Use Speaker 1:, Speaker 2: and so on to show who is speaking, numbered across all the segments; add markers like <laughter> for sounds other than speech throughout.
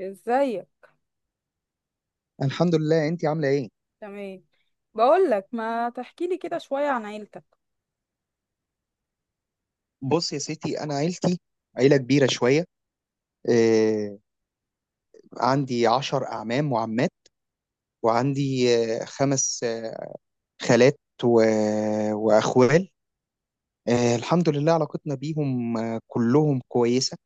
Speaker 1: ازيك.
Speaker 2: الحمد لله، انت عامله ايه؟
Speaker 1: تمام. بقول لك ما تحكي لي كده شوية عن عيلتك.
Speaker 2: بص يا ستي، انا عيلتي عيله كبيره شويه. آه عندي 10 اعمام وعمات، وعندي خمس خالات، و... واخوال. الحمد لله، علاقتنا بيهم كلهم كويسه،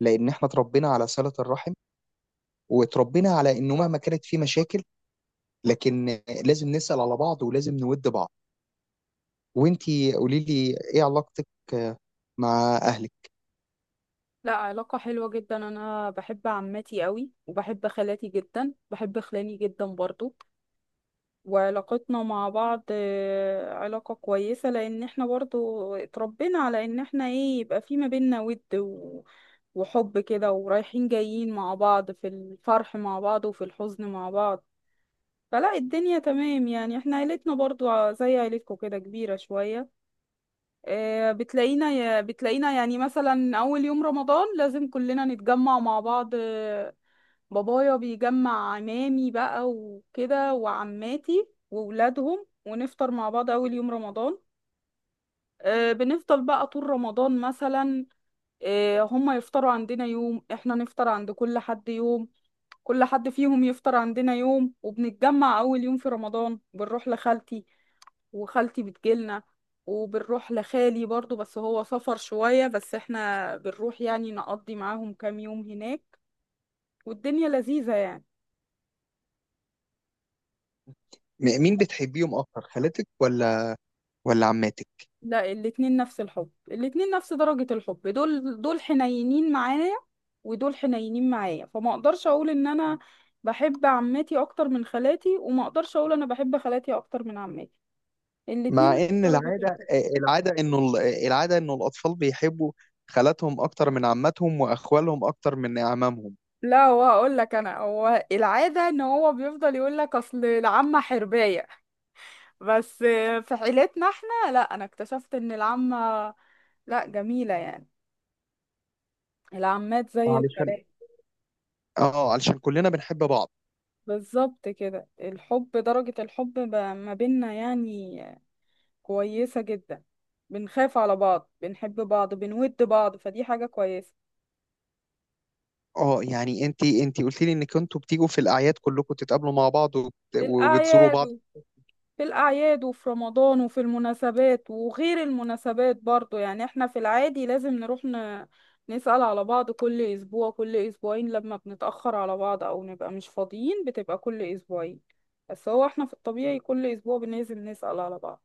Speaker 2: لان احنا اتربينا على صله الرحم، واتربينا على انه مهما كانت في مشاكل لكن لازم نسال على بعض ولازم نود بعض. وانت، قولي لي ايه علاقتك آه، مع اهلك؟
Speaker 1: لا علاقة حلوة جدا، انا بحب عمتي قوي وبحب خالاتي جدا، بحب خلاني جدا برضو. وعلاقتنا مع بعض علاقة كويسة لان احنا برضو اتربينا على ان احنا ايه، يبقى في ما بينا ود وحب كده، ورايحين جايين مع بعض في الفرح مع بعض وفي الحزن مع بعض. فلا الدنيا تمام، يعني احنا عيلتنا برضو زي عيلتكم كده كبيرة شوية. بتلاقينا بتلاقينا يعني مثلا أول يوم رمضان لازم كلنا نتجمع مع بعض. بابايا بيجمع عمامي بقى وكده وعماتي وولادهم، ونفطر مع بعض أول يوم رمضان. بنفضل بقى طول رمضان مثلا. هما يفطروا عندنا يوم، احنا نفطر عند كل حد يوم. كل حد فيهم يفطر عندنا يوم، وبنتجمع أول يوم في رمضان بنروح لخالتي، وخالتي بتجيلنا. وبنروح لخالي برضو، بس هو سفر شوية، بس احنا بنروح يعني نقضي معاهم كام يوم هناك، والدنيا لذيذة يعني.
Speaker 2: مين بتحبيهم اكتر، خالاتك ولا عماتك؟
Speaker 1: لا، الاتنين نفس الحب، الاتنين نفس درجة الحب، دول دول حنينين معايا ودول حنينين معايا، فما اقدرش اقول ان انا بحب عمتي اكتر من خالاتي، وما اقدرش اقول انا بحب خالاتي اكتر من عمتي. الاتنين
Speaker 2: مع
Speaker 1: نفس
Speaker 2: ان
Speaker 1: درجة
Speaker 2: العاده
Speaker 1: الحب.
Speaker 2: <laughs> العاده انه ال- العاده انه الاطفال بيحبوا خالاتهم اكتر من عماتهم، واخوالهم اكتر من اعمامهم،
Speaker 1: لا، هو اقول لك انا، هو العادة ان هو بيفضل يقول لك اصل العمة حرباية، بس في عيلتنا احنا لا، انا اكتشفت ان العمة لا جميلة يعني، العمات زي
Speaker 2: علشان
Speaker 1: الخالات.
Speaker 2: اه علشان كلنا بنحب بعض.
Speaker 1: بالظبط كده، الحب درجة الحب ما بيننا يعني كويسة جدا، بنخاف على بعض، بنحب بعض، بنود بعض، فدي حاجة كويسة.
Speaker 2: اه يعني انت قلت لي انك انتوا بتيجوا في الاعياد كلكم تتقابلوا مع بعض،
Speaker 1: في
Speaker 2: وبتزوروا
Speaker 1: الأعياد.
Speaker 2: بعض.
Speaker 1: في الأعياد وفي رمضان وفي المناسبات وغير المناسبات برضو، يعني احنا في العادي لازم نروح نسأل على بعض كل أسبوع، كل أسبوعين لما بنتأخر على بعض أو نبقى مش فاضيين بتبقى كل أسبوعين، بس هو احنا في الطبيعي كل أسبوع لازم نسأل على بعض،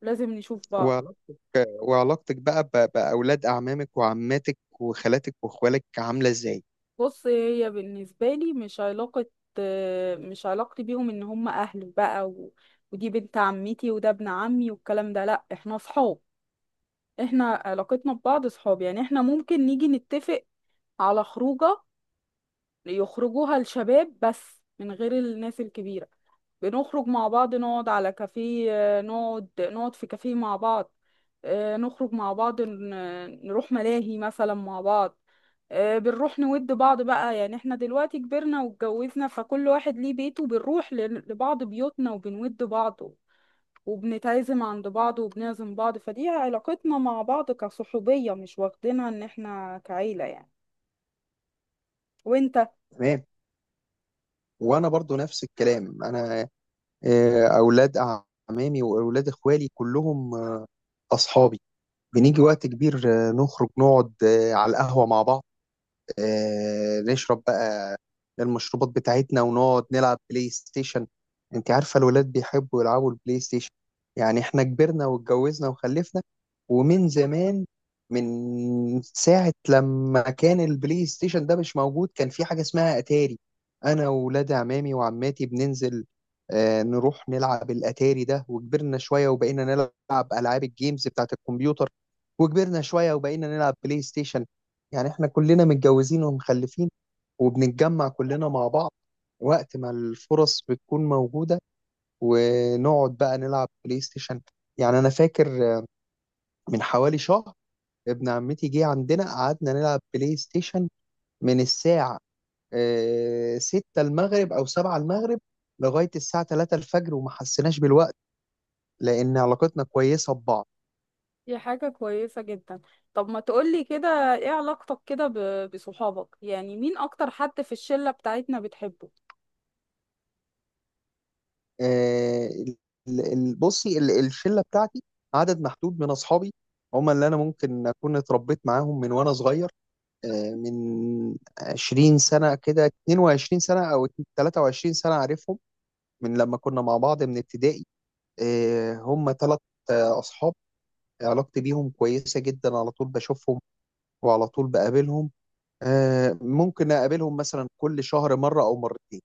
Speaker 1: لازم نشوف بعض.
Speaker 2: وعلاقتك وعلاقتك بقى باولاد اعمامك وعماتك وخالاتك واخوالك عامله ازاي؟
Speaker 1: بص، هي بالنسبة لي مش علاقة، مش علاقتي بيهم إن هم أهلي بقى ودي بنت عمتي وده ابن عمي والكلام ده، لأ احنا صحاب. احنا علاقتنا ببعض صحاب، يعني احنا ممكن نيجي نتفق على خروجة يخرجوها الشباب بس من غير الناس الكبيرة، بنخرج مع بعض نقعد على كافيه، نقعد في كافيه مع بعض. نخرج مع بعض، نروح ملاهي مثلا مع بعض. بنروح نود بعض بقى، يعني احنا دلوقتي كبرنا واتجوزنا فكل واحد ليه بيته، بنروح لبعض بيوتنا وبنود بعض، وبنتعزم عند بعض وبنعزم بعض، فدي علاقتنا مع بعض كصحوبية، مش واخدينها ان احنا كعيلة يعني. وانت؟
Speaker 2: تمام. وانا برضو نفس الكلام، انا اولاد اعمامي واولاد اخوالي كلهم اصحابي. بنيجي وقت كبير نخرج نقعد على القهوة مع بعض، نشرب بقى المشروبات بتاعتنا ونقعد نلعب بلاي ستيشن. انت عارفة الولاد بيحبوا يلعبوا البلاي ستيشن، يعني احنا كبرنا واتجوزنا وخلفنا. ومن زمان، من ساعة لما كان البلاي ستيشن ده مش موجود، كان في حاجة اسمها أتاري. أنا وولاد عمامي وعماتي بننزل نروح نلعب الأتاري ده. وكبرنا شوية وبقينا نلعب ألعاب الجيمز بتاعت الكمبيوتر، وكبرنا شوية وبقينا نلعب بلاي ستيشن. يعني احنا كلنا متجوزين ومخلفين، وبنتجمع كلنا مع بعض وقت ما الفرص بتكون موجودة، ونقعد بقى نلعب بلاي ستيشن. يعني أنا فاكر من حوالي شهر ابن عمتي جه عندنا، قعدنا نلعب بلاي ستيشن من الساعة 6 المغرب أو 7 المغرب لغاية الساعة 3 الفجر وما حسيناش بالوقت، لأن علاقتنا كويسة ببعض.
Speaker 1: دي حاجة كويسة جدا. طب ما تقولي كده، ايه علاقتك كده بصحابك؟ يعني مين اكتر حد في الشلة بتاعتنا بتحبه؟
Speaker 2: آه، ال- بصي، الشله بتاعتي عدد محدود من اصحابي، هم اللي انا ممكن اكون اتربيت معاهم من وانا صغير، من 20 سنه كده، 22 سنه او 23 سنه عارفهم، من لما كنا مع بعض من ابتدائي. هم ثلاث اصحاب، علاقتي بيهم كويسه جدا. على طول بشوفهم وعلى طول بقابلهم، ممكن اقابلهم مثلا كل شهر مره او مرتين.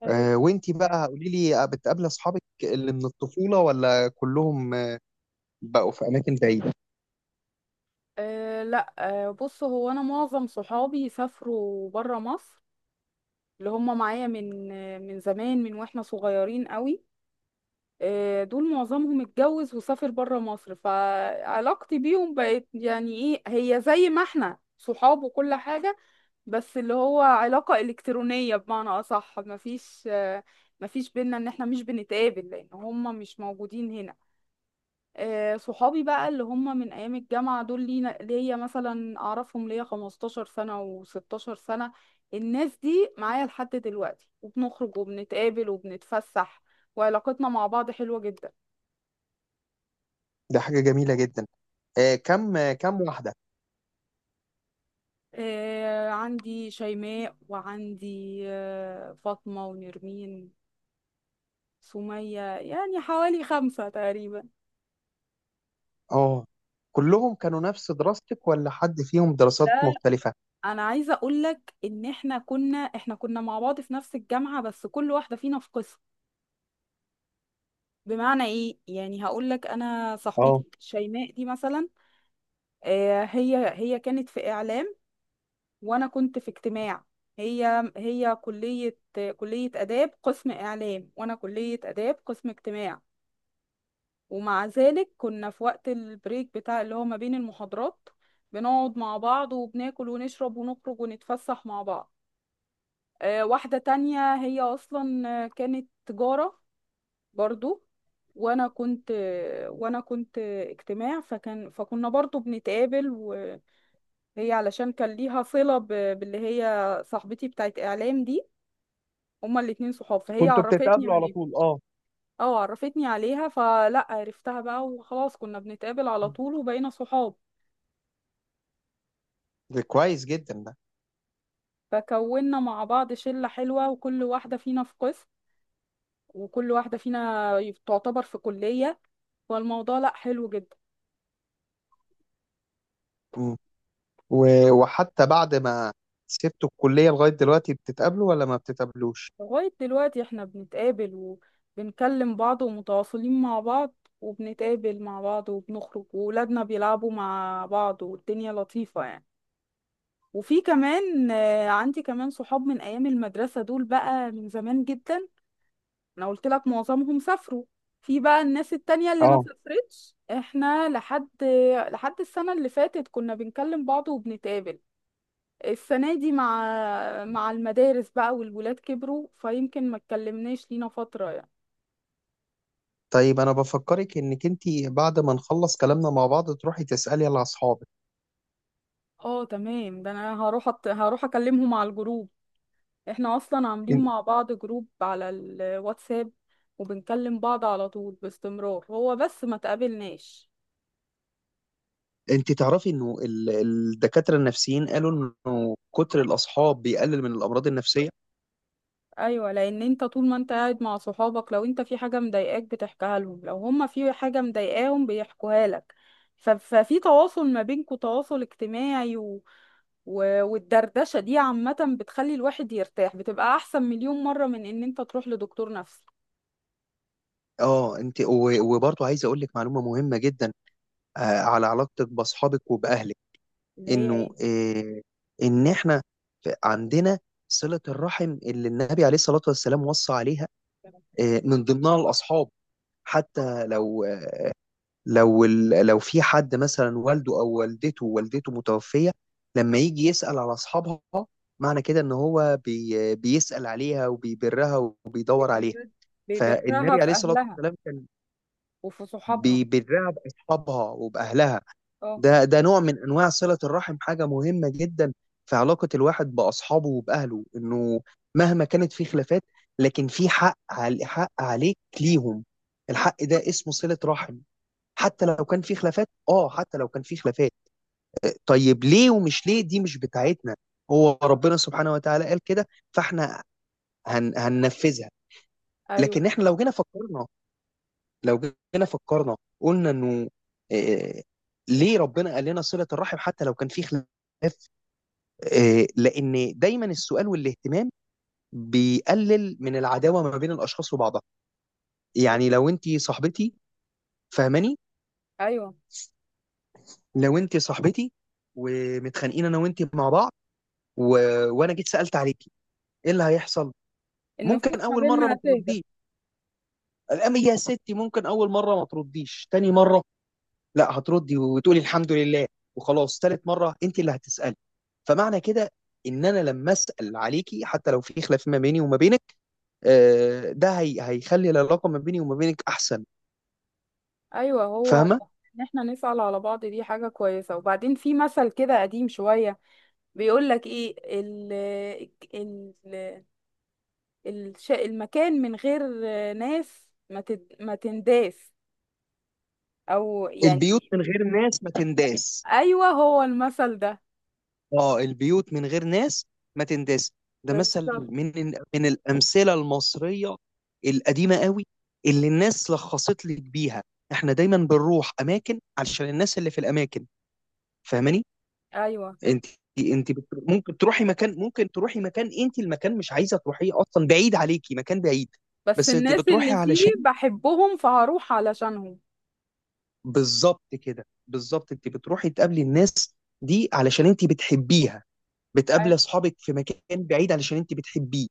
Speaker 1: حلو.
Speaker 2: وانتي بقى قولي لي، بتقابلي اصحابك اللي من الطفوله ولا كلهم بقوا في اماكن بعيده؟
Speaker 1: أه لا أه، بص هو انا معظم صحابي سافروا برا مصر، اللي هم معايا من من زمان من واحنا صغيرين قوي، دول معظمهم اتجوز وسافر بره مصر، فعلاقتي بيهم بقت يعني ايه، هي زي ما احنا صحاب وكل حاجة، بس اللي هو علاقة إلكترونية بمعنى أصح، مفيش مفيش بينا ان احنا مش بنتقابل لأن هما مش موجودين هنا. صحابي بقى اللي هما من أيام الجامعة دول لينا ليا مثلا، أعرفهم ليا 15 سنة و16 سنة، الناس دي معايا لحد دلوقتي، وبنخرج وبنتقابل وبنتفسح، وعلاقتنا مع بعض حلوة جدا.
Speaker 2: ده حاجه جميله جدا. كم واحده؟
Speaker 1: آه عندي شيماء، وعندي آه فاطمة، ونرمين، سمية، يعني حوالي خمسة تقريبا.
Speaker 2: اه، كلهم كانوا نفس دراستك ولا حد فيهم دراسات
Speaker 1: لا،
Speaker 2: مختلفه؟
Speaker 1: انا عايزة اقولك ان احنا كنا، احنا كنا مع بعض في نفس الجامعة، بس كل واحدة فينا في قسم. بمعنى ايه يعني؟ هقولك، انا صاحبتي
Speaker 2: اه،
Speaker 1: شيماء دي مثلا، آه هي كانت في اعلام وانا كنت في اجتماع. هي كلية، كلية آداب قسم إعلام، وأنا كلية آداب قسم اجتماع. ومع ذلك كنا في وقت البريك بتاع اللي هو ما بين المحاضرات بنقعد مع بعض وبناكل ونشرب ونخرج ونتفسح مع بعض. واحدة تانية هي أصلا كانت تجارة برضو، وأنا كنت اجتماع، فكان فكنا برضو بنتقابل. وهي علشان كان ليها صلة باللي هي صاحبتي بتاعت إعلام دي، هما الاتنين صحاب، فهي
Speaker 2: كنتوا
Speaker 1: عرفتني
Speaker 2: بتتقابلوا على
Speaker 1: عليهم.
Speaker 2: طول؟ اه،
Speaker 1: اه عرفتني عليها، فلا عرفتها بقى وخلاص، كنا بنتقابل على طول وبقينا صحاب.
Speaker 2: ده كويس جدا ده.
Speaker 1: فكونا مع بعض شلة حلوة، وكل واحدة فينا في قسم، وكل واحدة فينا تعتبر في كلية، فالموضوع لا حلو جدا.
Speaker 2: مم. وحتى بعد ما سبتوا الكليه لغايه دلوقتي بتتقابلوا ولا ما بتتقابلوش؟
Speaker 1: لغاية دلوقتي احنا بنتقابل وبنكلم بعض ومتواصلين مع بعض، وبنتقابل مع بعض وبنخرج، وولادنا بيلعبوا مع بعض، والدنيا لطيفة يعني. وفي كمان عندي كمان صحاب من أيام المدرسة، دول بقى من زمان جدا، انا قلت لك معظمهم سافروا. في بقى الناس التانية اللي ما
Speaker 2: اه
Speaker 1: سافرتش، احنا لحد لحد السنة اللي فاتت كنا بنكلم بعض وبنتقابل. السنة دي مع مع المدارس بقى والولاد كبروا، فيمكن ما اتكلمناش لينا فترة يعني.
Speaker 2: طيب، انا بفكرك انك انتي بعد ما نخلص كلامنا مع بعض تروحي تسالي على اصحابك.
Speaker 1: اه تمام، ده انا هروح هروح اكلمهم على الجروب، احنا اصلا عاملين مع بعض جروب على الواتساب، وبنكلم بعض على طول باستمرار، هو بس ما تقابلناش.
Speaker 2: انت تعرفي انه الدكاترة النفسيين قالوا انه كتر الاصحاب بيقلل من الامراض النفسية.
Speaker 1: ايوه، لان انت طول ما انت قاعد مع صحابك، لو انت في حاجه مضايقاك بتحكيها لهم، لو هما في حاجه مضايقاهم بيحكوها لك، ففي تواصل ما بينكوا، تواصل اجتماعي والدردشه دي عامه بتخلي الواحد يرتاح، بتبقى احسن مليون مره من ان انت تروح لدكتور نفسي.
Speaker 2: اه انت، وبرضه عايز اقول لك معلومة مهمة جدا على علاقتك باصحابك وباهلك،
Speaker 1: اللي هي
Speaker 2: انه
Speaker 1: ايه؟
Speaker 2: ان احنا عندنا صلة الرحم اللي النبي عليه الصلاة والسلام وصى عليها، من ضمنها الاصحاب. حتى لو لو في حد مثلا والده او والدته متوفيه، لما يجي يسال على اصحابها، معنى كده ان هو بيسال عليها وبيبرها وبيدور عليها.
Speaker 1: بيبر- بيبرها
Speaker 2: فالنبي
Speaker 1: في
Speaker 2: عليه الصلاه
Speaker 1: اهلها
Speaker 2: والسلام كان
Speaker 1: وفي صحابها.
Speaker 2: بيبرها باصحابها وباهلها.
Speaker 1: اه.
Speaker 2: ده نوع من انواع صله الرحم، حاجه مهمه جدا في علاقه الواحد باصحابه وباهله، انه مهما كانت في خلافات لكن في حق حق عليك ليهم، الحق ده اسمه صله رحم. حتى لو كان في خلافات، اه حتى لو كان في خلافات طيب ليه؟ ومش ليه دي مش بتاعتنا، هو ربنا سبحانه وتعالى قال كده فاحنا هننفذها.
Speaker 1: ايوه.
Speaker 2: لكن احنا لو جينا فكرنا قلنا انه آه، ليه ربنا قال لنا صلة الرحم حتى لو كان في خلاف؟ لان دايما السؤال والاهتمام بيقلل من العداوة ما بين الاشخاص وبعضها. يعني لو انت صاحبتي، فاهماني؟
Speaker 1: ايوه،
Speaker 2: لو انت صاحبتي ومتخانقين انا وانت مع بعض، و... وانا جيت سالت عليكي، ايه اللي هيحصل؟
Speaker 1: النفوس
Speaker 2: ممكن
Speaker 1: ما
Speaker 2: اول مره
Speaker 1: بيننا
Speaker 2: ما
Speaker 1: اساس.
Speaker 2: ترديش، الام يا ستي، ممكن اول مره ما ترديش، تاني مره لا هتردي وتقولي الحمد لله وخلاص، تالت مره انت اللي هتسالي. فمعنى كده ان انا لما اسال عليكي حتى لو في خلاف ما بيني وما بينك، ده هيخلي العلاقه ما بيني وما بينك احسن.
Speaker 1: ايوه، هو
Speaker 2: فاهمه؟
Speaker 1: ان احنا نسأل على بعض دي حاجة كويسة. وبعدين في مثل كده قديم شوية بيقول لك ايه، ال المكان من غير ناس ما تنداس، او
Speaker 2: البيوت
Speaker 1: يعني.
Speaker 2: من غير ناس ما تنداس.
Speaker 1: ايوه هو المثل ده
Speaker 2: اه البيوت من غير ناس ما تنداس. ده مثل
Speaker 1: بالظبط.
Speaker 2: من الامثله المصريه القديمه قوي، اللي الناس لخصت لك بيها. احنا دايما بنروح اماكن علشان الناس اللي في الاماكن. فاهماني؟
Speaker 1: ايوه،
Speaker 2: انت ممكن تروحي مكان، انت المكان مش عايزه تروحيه اصلا، بعيد عليكي، مكان بعيد،
Speaker 1: بس
Speaker 2: بس انت
Speaker 1: الناس
Speaker 2: بتروحي
Speaker 1: اللي فيه
Speaker 2: علشان.
Speaker 1: بحبهم، فهروح علشانهم.
Speaker 2: بالظبط كده، بالظبط انت بتروحي تقابلي الناس دي علشان انت بتحبيها، بتقابلي
Speaker 1: أي-
Speaker 2: اصحابك في مكان بعيد علشان انت بتحبيه.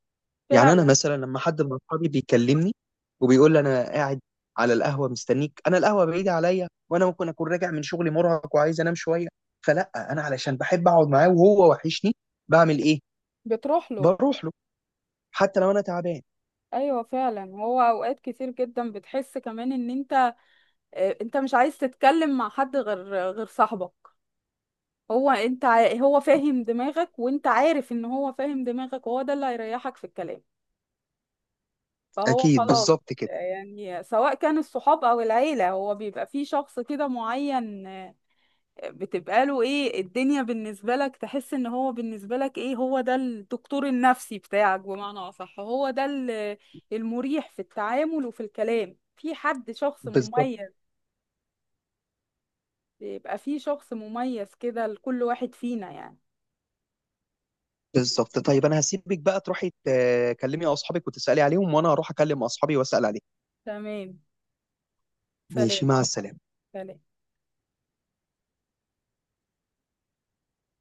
Speaker 2: يعني انا
Speaker 1: فعلا.
Speaker 2: مثلا لما حد من اصحابي بيكلمني وبيقول لي انا قاعد على القهوه مستنيك، انا القهوه بعيده عليا، وانا ممكن اكون راجع من شغلي مرهق وعايز انام شويه، فلا انا علشان بحب اقعد معاه وهو وحشني، بعمل ايه؟
Speaker 1: بتروح له.
Speaker 2: بروح له حتى لو انا تعبان.
Speaker 1: ايوه فعلا، هو اوقات كتير جدا بتحس كمان ان انت انت مش عايز تتكلم مع حد غير غير صاحبك، هو انت هو فاهم دماغك، وانت عارف ان هو فاهم دماغك، وهو ده اللي هيريحك في الكلام، فهو
Speaker 2: اكيد
Speaker 1: خلاص.
Speaker 2: بالظبط كده،
Speaker 1: يعني سواء كان الصحاب او العيلة، هو بيبقى فيه شخص كده معين، بتبقى له ايه الدنيا بالنسبة لك، تحس ان هو بالنسبة لك ايه، هو ده الدكتور النفسي بتاعك، بمعنى اصح هو ده المريح في التعامل وفي الكلام، في حد شخص
Speaker 2: بالظبط.
Speaker 1: مميز. بيبقى فيه شخص مميز كده لكل واحد فينا يعني.
Speaker 2: بالظبط طيب، انا هسيبك بقى تروحي تكلمي اصحابك وتسالي عليهم، وانا هروح اكلم اصحابي واسال عليهم.
Speaker 1: تمام. سلام.
Speaker 2: ماشي، مع السلامه.
Speaker 1: سلام.